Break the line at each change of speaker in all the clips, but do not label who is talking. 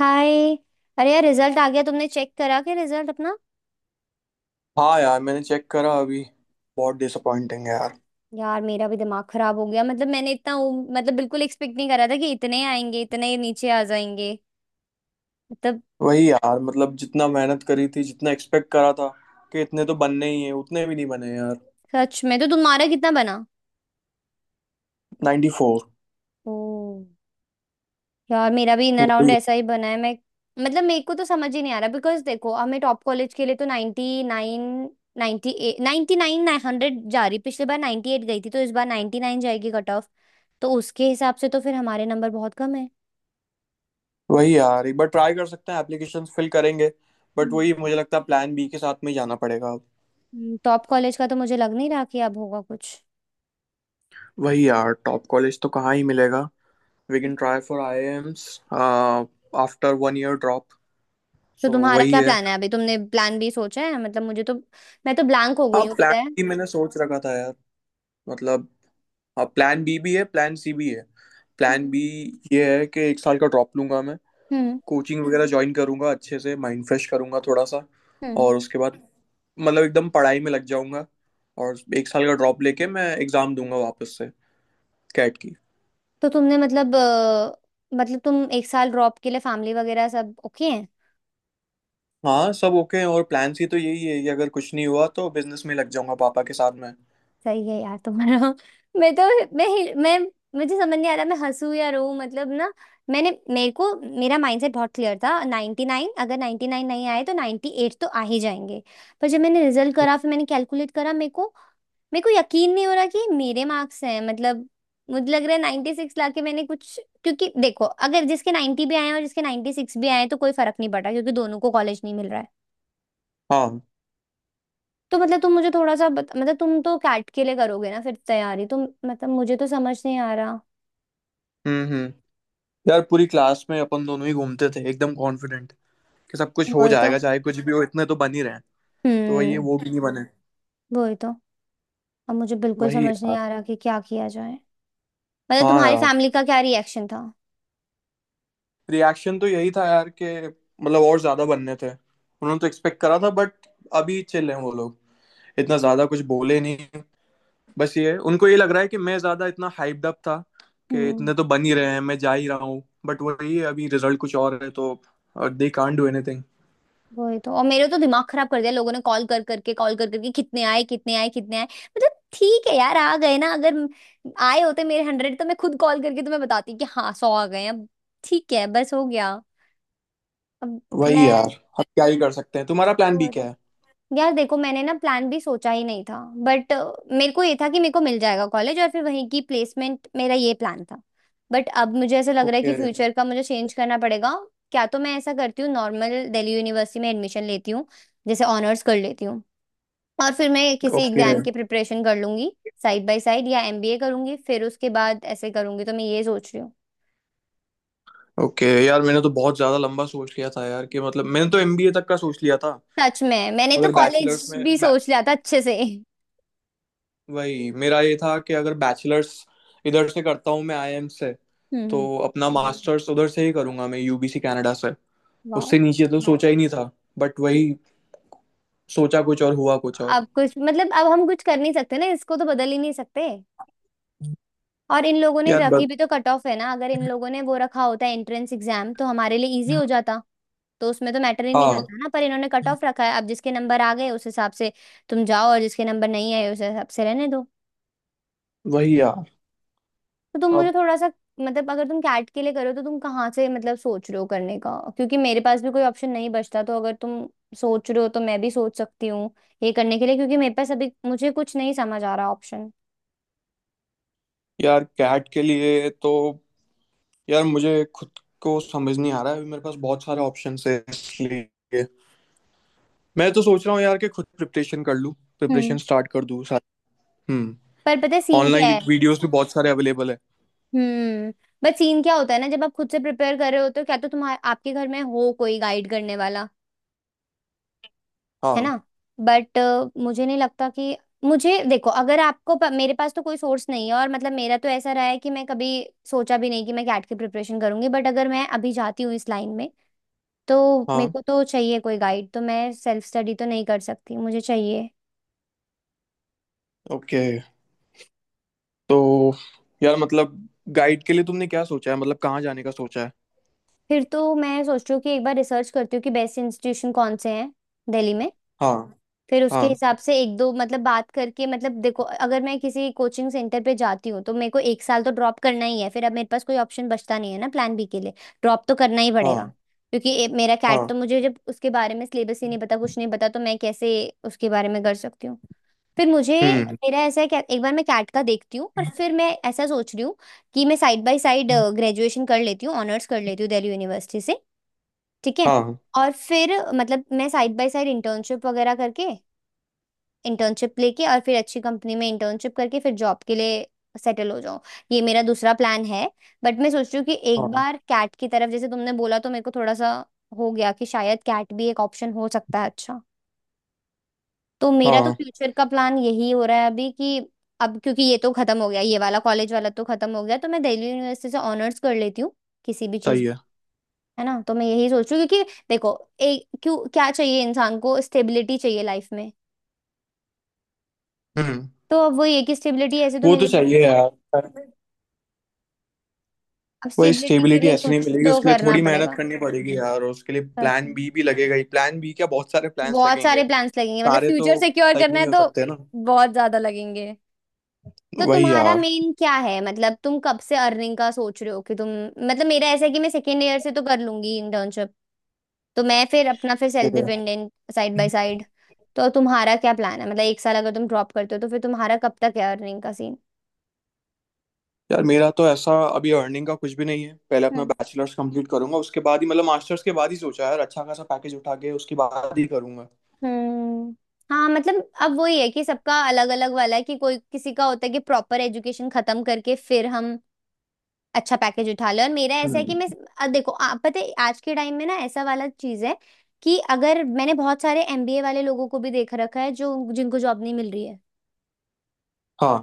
हाय। अरे यार, रिजल्ट आ गया। तुमने चेक करा क्या रिजल्ट अपना?
हाँ यार, मैंने चेक करा अभी। बहुत डिसअपॉइंटिंग है यार।
यार, मेरा भी दिमाग खराब हो गया। मतलब मैंने इतना मतलब बिल्कुल एक्सपेक्ट नहीं करा था कि इतने आएंगे, इतने नीचे आ जाएंगे मतलब।
वही यार, मतलब जितना मेहनत करी थी, जितना एक्सपेक्ट करा था कि इतने तो बनने ही हैं, उतने भी नहीं बने यार।
सच में, तो तुम्हारा कितना बना?
94।
ओ। यार, मेरा भी इन अराउंड
वही।
ऐसा ही बना है। मैं मतलब मेरे को तो समझ ही नहीं आ रहा, बिकॉज देखो, हमें टॉप कॉलेज के लिए तो 99, 98, 99, 100 जा रही। पिछली बार 98 गई थी, तो इस बार 99 जाएगी कट ऑफ। तो उसके हिसाब से तो फिर हमारे नंबर बहुत कम
वही यार, एक बार ट्राई कर सकते हैं, एप्लीकेशन फिल करेंगे, बट वही,
है।
मुझे लगता है प्लान बी के साथ में ही जाना पड़ेगा अब।
टॉप कॉलेज का तो मुझे लग नहीं रहा कि अब होगा कुछ।
वही यार, टॉप कॉलेज तो कहाँ ही मिलेगा। We
hmm.
Can try for AIIMS after one year drop.
तो
सो
तुम्हारा
वही
क्या
है।
प्लान है अभी? तुमने प्लान भी सोचा है? मतलब मुझे तो, मैं तो ब्लैंक हो
हाँ,
गई हूँ,
प्लान
पता है।
बी मैंने सोच रखा था यार। मतलब, प्लान बी भी है, प्लान सी भी है। Plan
hmm.
बी ये है कि एक साल का ड्रॉप लूंगा मैं।
हम्म।
कोचिंग वगैरह ज्वाइन करूंगा, अच्छे से माइंड फ्रेश करूंगा थोड़ा सा।
हम्म।
और उसके बाद मतलब एकदम पढ़ाई में लग जाऊंगा। और एक साल का ड्रॉप लेके मैं एग्ज़ाम दूंगा वापस से, कैट की।
तो तुमने मतलब मतलब तुम एक साल ड्रॉप के लिए फैमिली वगैरह सब ओके?
हाँ सब ओके हैं, और प्लान सी तो यही है कि अगर कुछ नहीं हुआ तो बिजनेस में लग जाऊंगा पापा के साथ में।
सही है यार तुम्हारा मैं तो, मैं हिल- मैं मुझे समझ नहीं आ रहा मैं हंसू या रो। मतलब ना, मैंने मेरे को मेरा माइंडसेट बहुत क्लियर था। 99, अगर 99 नहीं आए तो 98 तो आ ही जाएंगे। पर जब मैंने रिजल्ट करा, फिर मैंने कैलकुलेट करा, मेरे को यकीन नहीं हो रहा कि ये मेरे मार्क्स हैं मतलब। मुझे लग रहा है 96 लाके मैंने कुछ, क्योंकि देखो, अगर जिसके 90 भी आए हैं और जिसके 96 भी आए हैं, तो कोई फर्क नहीं पड़ा, क्योंकि दोनों को कॉलेज नहीं मिल रहा है।
हाँ।
तो मतलब तुम मुझे थोड़ा सा मतलब तुम तो कैट के लिए करोगे ना फिर तैयारी तुम? मतलब मुझे तो समझ नहीं आ रहा।
हम्म। यार, पूरी क्लास में अपन दोनों ही घूमते थे एकदम कॉन्फिडेंट कि सब कुछ हो
वही तो।
जाएगा, चाहे कुछ भी हो इतने तो बन ही रहे हैं। तो वही है,
हम्म।
वो भी नहीं बने।
वही तो। अब मुझे बिल्कुल
वही
समझ नहीं
यार।
आ रहा कि क्या किया जाए। मतलब
हाँ
तुम्हारी
यार,
फैमिली का क्या रिएक्शन था?
रिएक्शन तो यही था यार कि मतलब और ज्यादा बनने थे, उन्होंने तो एक्सपेक्ट करा था, बट अभी चिल हैं वो लोग। इतना ज्यादा कुछ बोले नहीं। बस ये उनको ये लग रहा है कि मैं ज्यादा इतना हाइप्ड अप था कि
हम्म।
इतने तो बन ही रहे हैं, मैं जा ही रहा हूँ, बट वही है, अभी रिजल्ट कुछ और है, तो दे कांट डू एनीथिंग।
वही तो। और मेरे तो दिमाग खराब कर दिया लोगों ने, कॉल कर करके, कॉल कर करके, कितने आए, कितने आए, कितने आए। मतलब ठीक है यार, आ गए ना। अगर आए होते मेरे 100, तो मैं खुद कॉल करके तुम्हें बताती कि हाँ 100 आ गए अब, ठीक है, बस हो गया। अब
वही
मैं,
यार, हम क्या ही कर सकते हैं, तुम्हारा प्लान भी क्या है।
यार देखो, मैंने ना प्लान भी सोचा ही नहीं था। बट मेरे को ये था कि मेरे को मिल जाएगा कॉलेज, और फिर वहीं की प्लेसमेंट, मेरा ये प्लान था। बट अब मुझे ऐसा लग रहा है
ओके।
कि फ्यूचर का मुझे चेंज करना पड़ेगा। क्या तो मैं ऐसा करती हूँ, नॉर्मल दिल्ली यूनिवर्सिटी में एडमिशन लेती हूँ, जैसे ऑनर्स कर लेती हूँ, और फिर मैं किसी
ओके।
एग्जाम की प्रिपरेशन कर लूंगी साइड बाय साइड, या एमबीए करूंगी फिर उसके बाद, ऐसे करूंगी, तो मैं ये सोच रही हूँ।
ओके यार, मैंने तो बहुत ज्यादा लंबा सोच लिया था यार कि मतलब मैंने तो एमबीए तक का सोच लिया था।
सच में, मैंने तो
अगर बैचलर्स
कॉलेज
में,
भी सोच लिया था अच्छे से
वही, मेरा ये था कि अगर बैचलर्स इधर से करता हूँ मैं आईआईएम से,
हम्म।
तो अपना मास्टर्स उधर से ही करूंगा मैं यूबीसी कनाडा से।
वाह।
उससे नीचे तो सोचा ही नहीं था। बट वही, सोचा कुछ और हुआ कुछ और।
अब कुछ मतलब, अब हम कुछ कर नहीं सकते ना, इसको तो बदल ही नहीं सकते। और इन लोगों ने
यार बस।
रखी भी तो कट ऑफ है ना। अगर इन लोगों ने वो रखा होता है एंट्रेंस एग्जाम, तो हमारे लिए इजी हो जाता। तो उसमें तो मैटर ही नहीं
हाँ।
करता ना, पर इन्होंने कट ऑफ रखा है। अब जिसके नंबर आ गए उस हिसाब से तुम जाओ, और जिसके नंबर नहीं आए उस हिसाब से रहने दो।
वही यार।
तो तुम मुझे
अब।
थोड़ा सा, मतलब अगर तुम कैट के लिए करो तो तुम कहाँ से मतलब सोच रहे हो करने का? क्योंकि मेरे पास भी कोई ऑप्शन नहीं बचता, तो अगर तुम सोच रहे हो, तो मैं भी सोच सकती हूँ ये करने के लिए, क्योंकि मेरे पास अभी, मुझे कुछ नहीं समझ आ रहा ऑप्शन।
यार कैट के लिए तो, यार मुझे खुद को समझ नहीं आ रहा है, अभी मेरे पास बहुत सारे ऑप्शन है इसलिए। मैं तो सोच रहा हूँ यार कि खुद प्रिपरेशन कर लूँ, प्रिपरेशन स्टार्ट कर दूँ सारी। हम्म।
पर पता है सीन क्या
ऑनलाइन
है?
वीडियोस भी बहुत सारे अवेलेबल है।
हम्म। बट सीन क्या होता है ना, जब आप खुद से प्रिपेयर कर रहे होते हो, क्या तो तुम्हारे आपके घर में हो कोई गाइड करने वाला, है ना?
हाँ
बट मुझे नहीं लगता कि, मुझे देखो, अगर मेरे पास तो कोई सोर्स नहीं है, और मतलब मेरा तो ऐसा रहा है कि मैं कभी सोचा भी नहीं कि मैं कैट की प्रिपरेशन करूंगी। बट अगर मैं अभी जाती हूँ इस लाइन में, तो मेरे
हाँ।
को तो चाहिए कोई गाइड, तो मैं सेल्फ स्टडी तो नहीं कर सकती, मुझे चाहिए।
ओके। तो यार मतलब गाइड के लिए तुमने क्या सोचा है, मतलब कहाँ जाने का सोचा है।
फिर तो मैं सोच रही हूँ कि एक बार रिसर्च करती हूँ कि बेस्ट इंस्टीट्यूशन कौन से हैं दिल्ली में।
हाँ।
फिर उसके
हाँ।
हिसाब से एक दो मतलब बात करके, मतलब देखो, अगर मैं किसी कोचिंग सेंटर पे जाती हूँ, तो मेरे को एक साल तो ड्रॉप करना ही है, फिर अब मेरे पास कोई ऑप्शन बचता नहीं है ना प्लान बी के लिए। ड्रॉप तो करना ही पड़ेगा,
हाँ।
क्योंकि मेरा कैट तो,
हाँ।
मुझे जब उसके बारे में सिलेबस ही नहीं पता, कुछ नहीं पता, तो मैं कैसे उसके बारे में कर सकती हूँ? फिर मुझे,
हम्म।
मेरा ऐसा है कि एक बार मैं कैट का देखती हूँ, और फिर मैं ऐसा सोच रही हूँ कि मैं साइड बाय साइड ग्रेजुएशन कर लेती हूँ, ऑनर्स कर लेती हूँ दिल्ली यूनिवर्सिटी से, ठीक है।
हाँ।
और फिर मतलब मैं साइड बाय साइड इंटर्नशिप वगैरह करके, इंटर्नशिप लेके, और फिर अच्छी कंपनी में इंटर्नशिप करके, फिर जॉब के लिए सेटल हो जाऊं। ये मेरा दूसरा प्लान है। बट मैं सोच रही हूँ कि एक
हाँ।
बार कैट की तरफ, जैसे तुमने बोला, तो मेरे को थोड़ा सा हो गया कि शायद कैट भी एक ऑप्शन हो सकता है अच्छा। तो मेरा तो
हाँ।
फ्यूचर का प्लान यही हो रहा है अभी, कि अब क्योंकि ये तो खत्म हो गया, ये वाला कॉलेज वाला तो खत्म हो गया, तो मैं दिल्ली यूनिवर्सिटी से ऑनर्स कर लेती हूँ किसी भी चीज
सही
में,
है।
है ना। तो मैं यही सोच रही हूँ, क्योंकि देखो, एक क्यों, क्या चाहिए इंसान को? स्टेबिलिटी चाहिए लाइफ में।
हम्म।
तो अब वो ये कि स्टेबिलिटी ऐसे तो
वो तो
मिलेगी
चाहिए
ना,
यार।
अब
वही,
स्टेबिलिटी के
स्टेबिलिटी
लिए
ऐसे नहीं
कुछ
मिलेगी,
तो
उसके लिए
करना
थोड़ी मेहनत
पड़ेगा।
करनी पड़ेगी यार, और उसके लिए
सच
प्लान
में,
बी भी लगेगा ही, प्लान बी क्या, बहुत सारे प्लान्स
बहुत
लगेंगे।
सारे प्लान्स लगेंगे, मतलब
सारे तो
फ्यूचर सिक्योर
सही
करना है
नहीं हो
तो
सकते ना।
बहुत ज्यादा लगेंगे। तो
वही
तुम्हारा
यार,
मेन क्या है, मतलब तुम कब से अर्निंग का सोच रहे हो कि तुम, मतलब मेरा ऐसा है कि मैं सेकेंड ईयर से तो कर लूंगी इंटर्नशिप, तो मैं फिर अपना फिर self dependent side by side. तो तुम्हारा क्या प्लान है, मतलब एक साल अगर तुम ड्रॉप करते हो, तो फिर तुम्हारा कब तक है अर्निंग का सीन?
यार मेरा तो ऐसा, अभी अर्निंग का कुछ भी नहीं है, पहले अपना बैचलर्स कंप्लीट करूंगा, उसके बाद ही मतलब मास्टर्स के बाद ही सोचा है यार, अच्छा खासा पैकेज उठा के उसके बाद ही करूंगा।
हम्म। हाँ मतलब, अब वही है कि सबका अलग अलग वाला है, कि कोई किसी का होता है कि प्रॉपर एजुकेशन खत्म करके फिर हम अच्छा पैकेज उठा ले, और मेरा ऐसा है कि मैं
हम्म।
देखो, आप पता है आज के टाइम में ना ऐसा वाला चीज है कि, अगर मैंने बहुत सारे एमबीए वाले लोगों को भी देख रखा है जो, जिनको जॉब नहीं मिल रही है,
हाँ।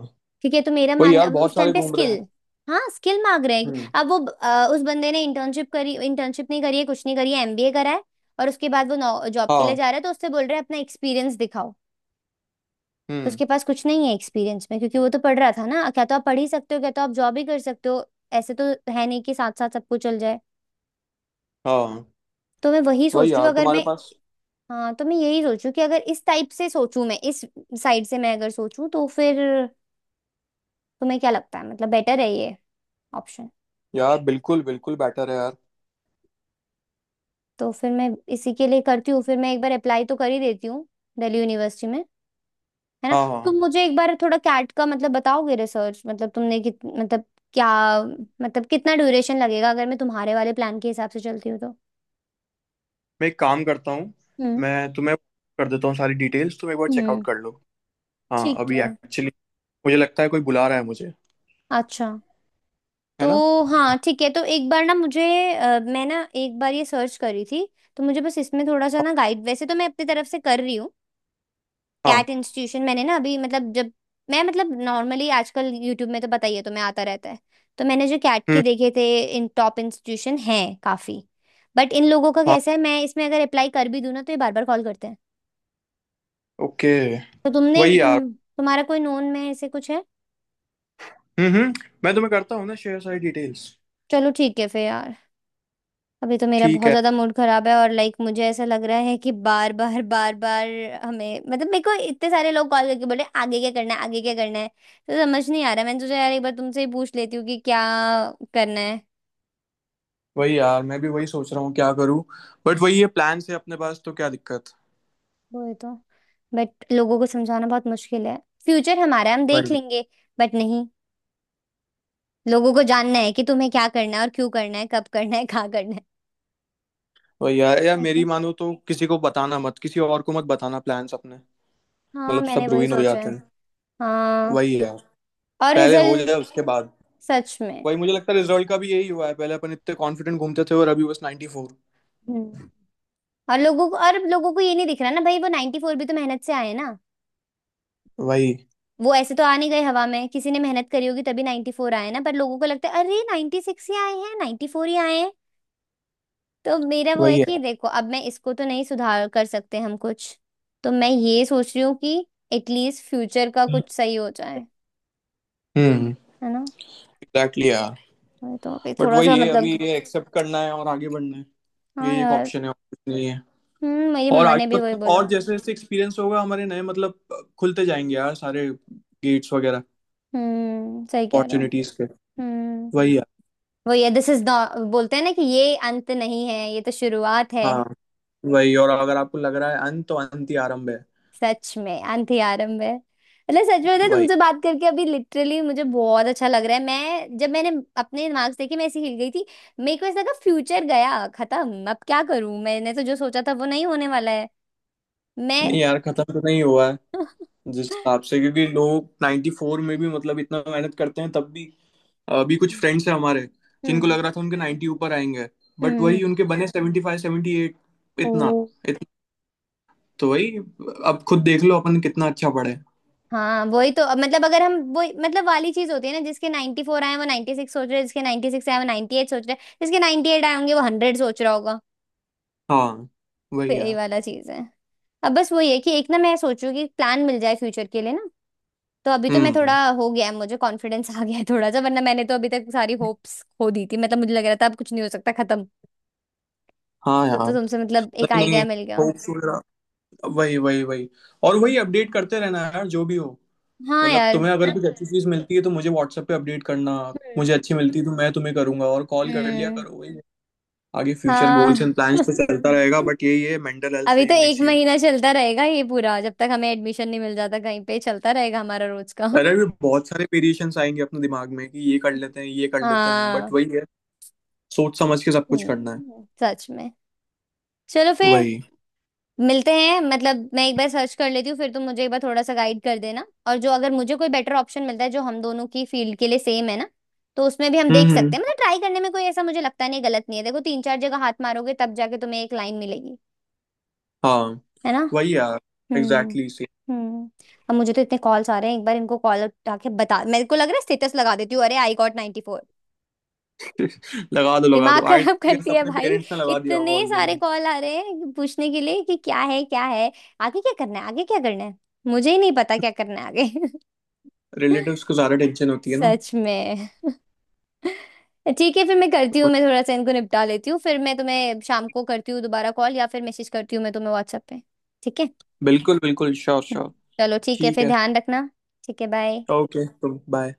ठीक है। तो मेरा
वही
मानना
यार, बहुत
उस टाइम
सारे
पे
घूम रहे
स्किल,
हैं।
हाँ, स्किल मांग रहे हैं।
हम्म।
अब वो उस बंदे ने इंटर्नशिप करी, इंटर्नशिप नहीं करी है, कुछ नहीं करी है, एमबीए करा है, और उसके बाद वो जॉब के लिए
हाँ।
जा रहा है, तो उससे बोल रहे हैं अपना एक्सपीरियंस दिखाओ। तो
हम्म।
उसके पास कुछ नहीं है एक्सपीरियंस में, क्योंकि वो तो पढ़ रहा था ना। क्या तो आप पढ़ ही सकते हो, क्या तो आप जॉब ही कर सकते हो, ऐसे तो है नहीं कि साथ साथ सब कुछ चल जाए।
हाँ।
तो मैं वही सोच
वही
रही
यार
हूँ, अगर
तुम्हारे
मैं,
पास।
हाँ, तो मैं यही सोचूं कि अगर इस टाइप से सोचूं, मैं इस साइड से मैं अगर सोचूं, तो फिर तुम्हें क्या लगता है, मतलब बेटर है ये ऑप्शन?
यार बिल्कुल बिल्कुल बेटर है यार।
तो फिर मैं इसी के लिए करती हूँ, फिर मैं एक बार अप्लाई तो कर ही देती हूँ दिल्ली यूनिवर्सिटी में, है ना।
हाँ हाँ।
तुम मुझे एक बार थोड़ा कैट का मतलब बताओगे रिसर्च, मतलब तुमने कित मतलब क्या मतलब कितना ड्यूरेशन लगेगा अगर मैं तुम्हारे वाले प्लान के हिसाब से चलती हूँ तो?
मैं एक काम करता हूँ,
हम्म।
मैं तुम्हें कर देता हूँ सारी डिटेल्स, तुम एक बार चेकआउट
हम्म।
कर लो। हाँ
ठीक
अभी
है।
एक्चुअली मुझे लगता है कोई बुला रहा है मुझे।
अच्छा।
है
तो
ना।
हाँ ठीक है, तो एक बार ना मुझे मैं ना एक बार ये सर्च करी थी, तो मुझे बस इसमें थोड़ा सा
हाँ
ना गाइड। वैसे तो मैं अपनी तरफ से कर रही हूँ,
हाँ,
कैट इंस्टीट्यूशन मैंने ना अभी मतलब, जब मैं मतलब नॉर्मली आजकल यूट्यूब में तो पता ही है तुम्हें, आता रहता है, तो मैंने जो कैट के
हम्म।
देखे थे, इन टॉप इंस्टीट्यूशन हैं काफी, बट इन लोगों का
हाँ।
कैसा है, मैं इसमें अगर अप्लाई कर भी दूं ना, तो ये बार बार कॉल करते हैं।
ओके।
तो तुमने
वही
तुम
यार।
तुम्हारा कोई नोन में ऐसे कुछ है?
हम्म हम्म, मैं तुम्हें करता हूँ ना शेयर सारी डिटेल्स।
चलो ठीक है फिर यार, अभी तो मेरा
ठीक
बहुत
है।
ज्यादा मूड खराब है, और लाइक मुझे ऐसा लग रहा है कि बार बार बार बार हमें, मतलब मेरे को इतने सारे लोग कॉल करके बोले आगे क्या करना है, आगे क्या करना है, तो समझ नहीं आ रहा। मैंने सोचा यार एक बार तुमसे ही पूछ लेती हूँ कि क्या करना है।
वही यार, मैं भी वही सोच रहा हूँ क्या करूँ, बट वही है, प्लान से अपने पास तो क्या दिक्कत।
वो है तो, बट लोगों को समझाना बहुत मुश्किल है। फ्यूचर हमारा है, हम देख
वही।
लेंगे। बट नहीं, लोगों को जानना है कि तुम्हें क्या करना है, और क्यों करना है, कब करना है, कहाँ करना है।
वही यार, यार
ठीक
मेरी
है,
मानो तो किसी को बताना मत, किसी और को मत बताना प्लान्स अपने।
हाँ
मतलब
मैंने
सब
वही
रुइन हो
सोचा
जाते
है।
हैं।
हाँ
वही यार।
और
पहले हो
रिजल्ट।
जाए उसके बाद।
सच में।
वही, मुझे लगता है रिजल्ट का भी यही हुआ है, पहले अपन इतने कॉन्फिडेंट घूमते थे और अभी बस 94।
हम्म। और लोगों को ये नहीं दिख रहा ना भाई, वो 94 भी तो मेहनत से आए ना।
वही।
वो ऐसे तो आ नहीं गए हवा में, किसी ने मेहनत करी होगी तभी 94 आए ना। पर लोगों को लगता है अरे 96 ही आए हैं, 94 ही आए हैं। तो मेरा वो है
वही
कि
यार।
देखो अब मैं इसको तो नहीं सुधार कर सकते हम कुछ। तो मैं ये सोच रही हूँ कि एटलीस्ट फ्यूचर का कुछ सही हो जाए।
हम्म।
है ना।
एग्जैक्टली यार।
वही अभी
बट
थोड़ा
वही
सा
है, अभी ये एक्सेप्ट करना है और आगे बढ़ना है।
हाँ
ये एक
यार।
ऑप्शन है और कुछ नहीं।
मेरी
और
मम्मा ने
आगे
भी वही
मतलब
बोला।
और, जैसे जैसे एक्सपीरियंस होगा, हमारे नए मतलब खुलते जाएंगे यार सारे, गेट्स वगैरह,
सही कह रहे हो।
अपॉर्चुनिटीज के।
हम्म।
वही है।
वो ये दिस इज नॉट बोलते हैं ना कि ये अंत नहीं है, ये तो शुरुआत है।
हाँ। वही, और अगर आपको लग रहा है अंत, तो अंत ही आरंभ है।
सच में अंधी आरंभ है, सच में बताएं,
वही।
तुमसे बात करके अभी लिटरली मुझे बहुत अच्छा लग रहा है। मैं जब मैंने अपने मार्क्स देखे मैं ऐसी हिल गई थी। मेरे को ऐसा लगा फ्यूचर गया, खत्म, अब क्या करूं, मैंने तो जो सोचा था वो नहीं होने वाला है। मैं
नहीं यार, खत्म तो नहीं हुआ है। जिस हिसाब से, क्योंकि लोग 94 में भी मतलब इतना मेहनत करते हैं तब भी। अभी कुछ फ्रेंड्स हैं हमारे जिनको
हम्म
लग रहा था उनके 90 ऊपर आएंगे, बट
हम्म।
वही उनके बने 75 78।
ओ।
इतना। इतना। तो वही, अब खुद देख लो अपन कितना अच्छा पढ़े।
हाँ वही। तो अब अगर हम वो वाली चीज होती है ना, जिसके 94 फोर आए हैं, वो 96 सोच रहे हैं, जिसके 96 आए हैं, वो 98 सोच रहे हैं, जिसके 98 आए होंगे वो हंड्रेड सोच रहा।
हाँ। वही
फिर यही
यार।
वाला चीज है। अब बस वही है कि एक ना मैं सोचू कि प्लान मिल जाए फ्यूचर के लिए ना। तो अभी तो मैं थोड़ा
हम्म।
हो गया है, मुझे कॉन्फिडेंस आ गया है थोड़ा सा। वरना मैंने तो अभी तक सारी होप्स खो दी थी, मुझे लग रहा था अब कुछ नहीं हो सकता, खत्म।
हाँ
तो,
यार।
तो तुमसे एक
नहीं नहीं,
आइडिया मिल गया।
होप्स वगैरह। वही वही वही। और वही, अपडेट करते रहना यार, जो भी हो।
हाँ
मतलब
यार।
तुम्हें अगर
ठीक।
कुछ अच्छी चीज मिलती है तो मुझे WhatsApp पे अपडेट करना।
हम्म
मुझे अच्छी मिलती है तो मैं तुम्हें करूंगा, और कॉल कर लिया
हम्म।
करो। वही, आगे फ्यूचर गोल्स
हाँ
एंड प्लान्स तो चलता रहेगा, बट ये मेंटल हेल्थ
अभी
सही
तो
होनी
एक
चाहिए।
महीना चलता रहेगा ये पूरा, जब तक हमें एडमिशन नहीं मिल जाता कहीं पे चलता रहेगा हमारा रोज का
पहले भी बहुत सारे वेरिएशंस आएंगे अपने दिमाग में कि ये कर लेते हैं, ये कर लेते हैं, बट
हाँ।
वही है, सोच समझ के सब कुछ करना है।
हम्म। सच में। चलो फिर
वही।
मिलते हैं। मैं एक बार सर्च कर लेती हूँ, फिर तुम मुझे एक बार थोड़ा सा गाइड कर देना। और जो अगर मुझे कोई बेटर ऑप्शन मिलता है जो हम दोनों की फील्ड के लिए सेम है ना, तो उसमें भी हम देख
हम्म।
सकते हैं।
हम्म।
ट्राई करने में कोई ऐसा मुझे लगता नहीं गलत नहीं है। देखो तीन चार जगह हाथ मारोगे तब जाके तुम्हें एक लाइन मिलेगी।
हाँ।
है ना।
वही यार।
हम्म
एग्जैक्टली।
हम्म। अब मुझे तो इतने कॉल्स आ रहे हैं, एक बार इनको कॉल उठा के बता मेरे को लग रहा है स्टेटस लगा देती हूँ अरे आई गॉट 94।
लगा दो लगा
दिमाग
दो, आई
खराब
गेस
करती है
अपने
भाई।
पेरेंट्स ने लगा दिया होगा
इतने सारे
ऑलरेडी।
कॉल आ रहे हैं पूछने के लिए कि क्या है क्या है, आगे क्या करना है, आगे क्या करना है। मुझे ही नहीं पता क्या करना है आगे।
रिलेटिव्स को ज्यादा टेंशन होती है ना।
सच में। ठीक है फिर, मैं करती हूँ, मैं थोड़ा सा इनको निपटा लेती हूँ, फिर मैं तुम्हें शाम को करती हूँ दोबारा कॉल, या फिर मैसेज करती हूँ मैं तुम्हें व्हाट्सएप पे। ठीक है।
बिल्कुल बिल्कुल, श्योर
हम्म।
श्योर।
चलो ठीक है
ठीक
फिर,
है।
ध्यान रखना। ठीक है बाय।
ओके तो बाय।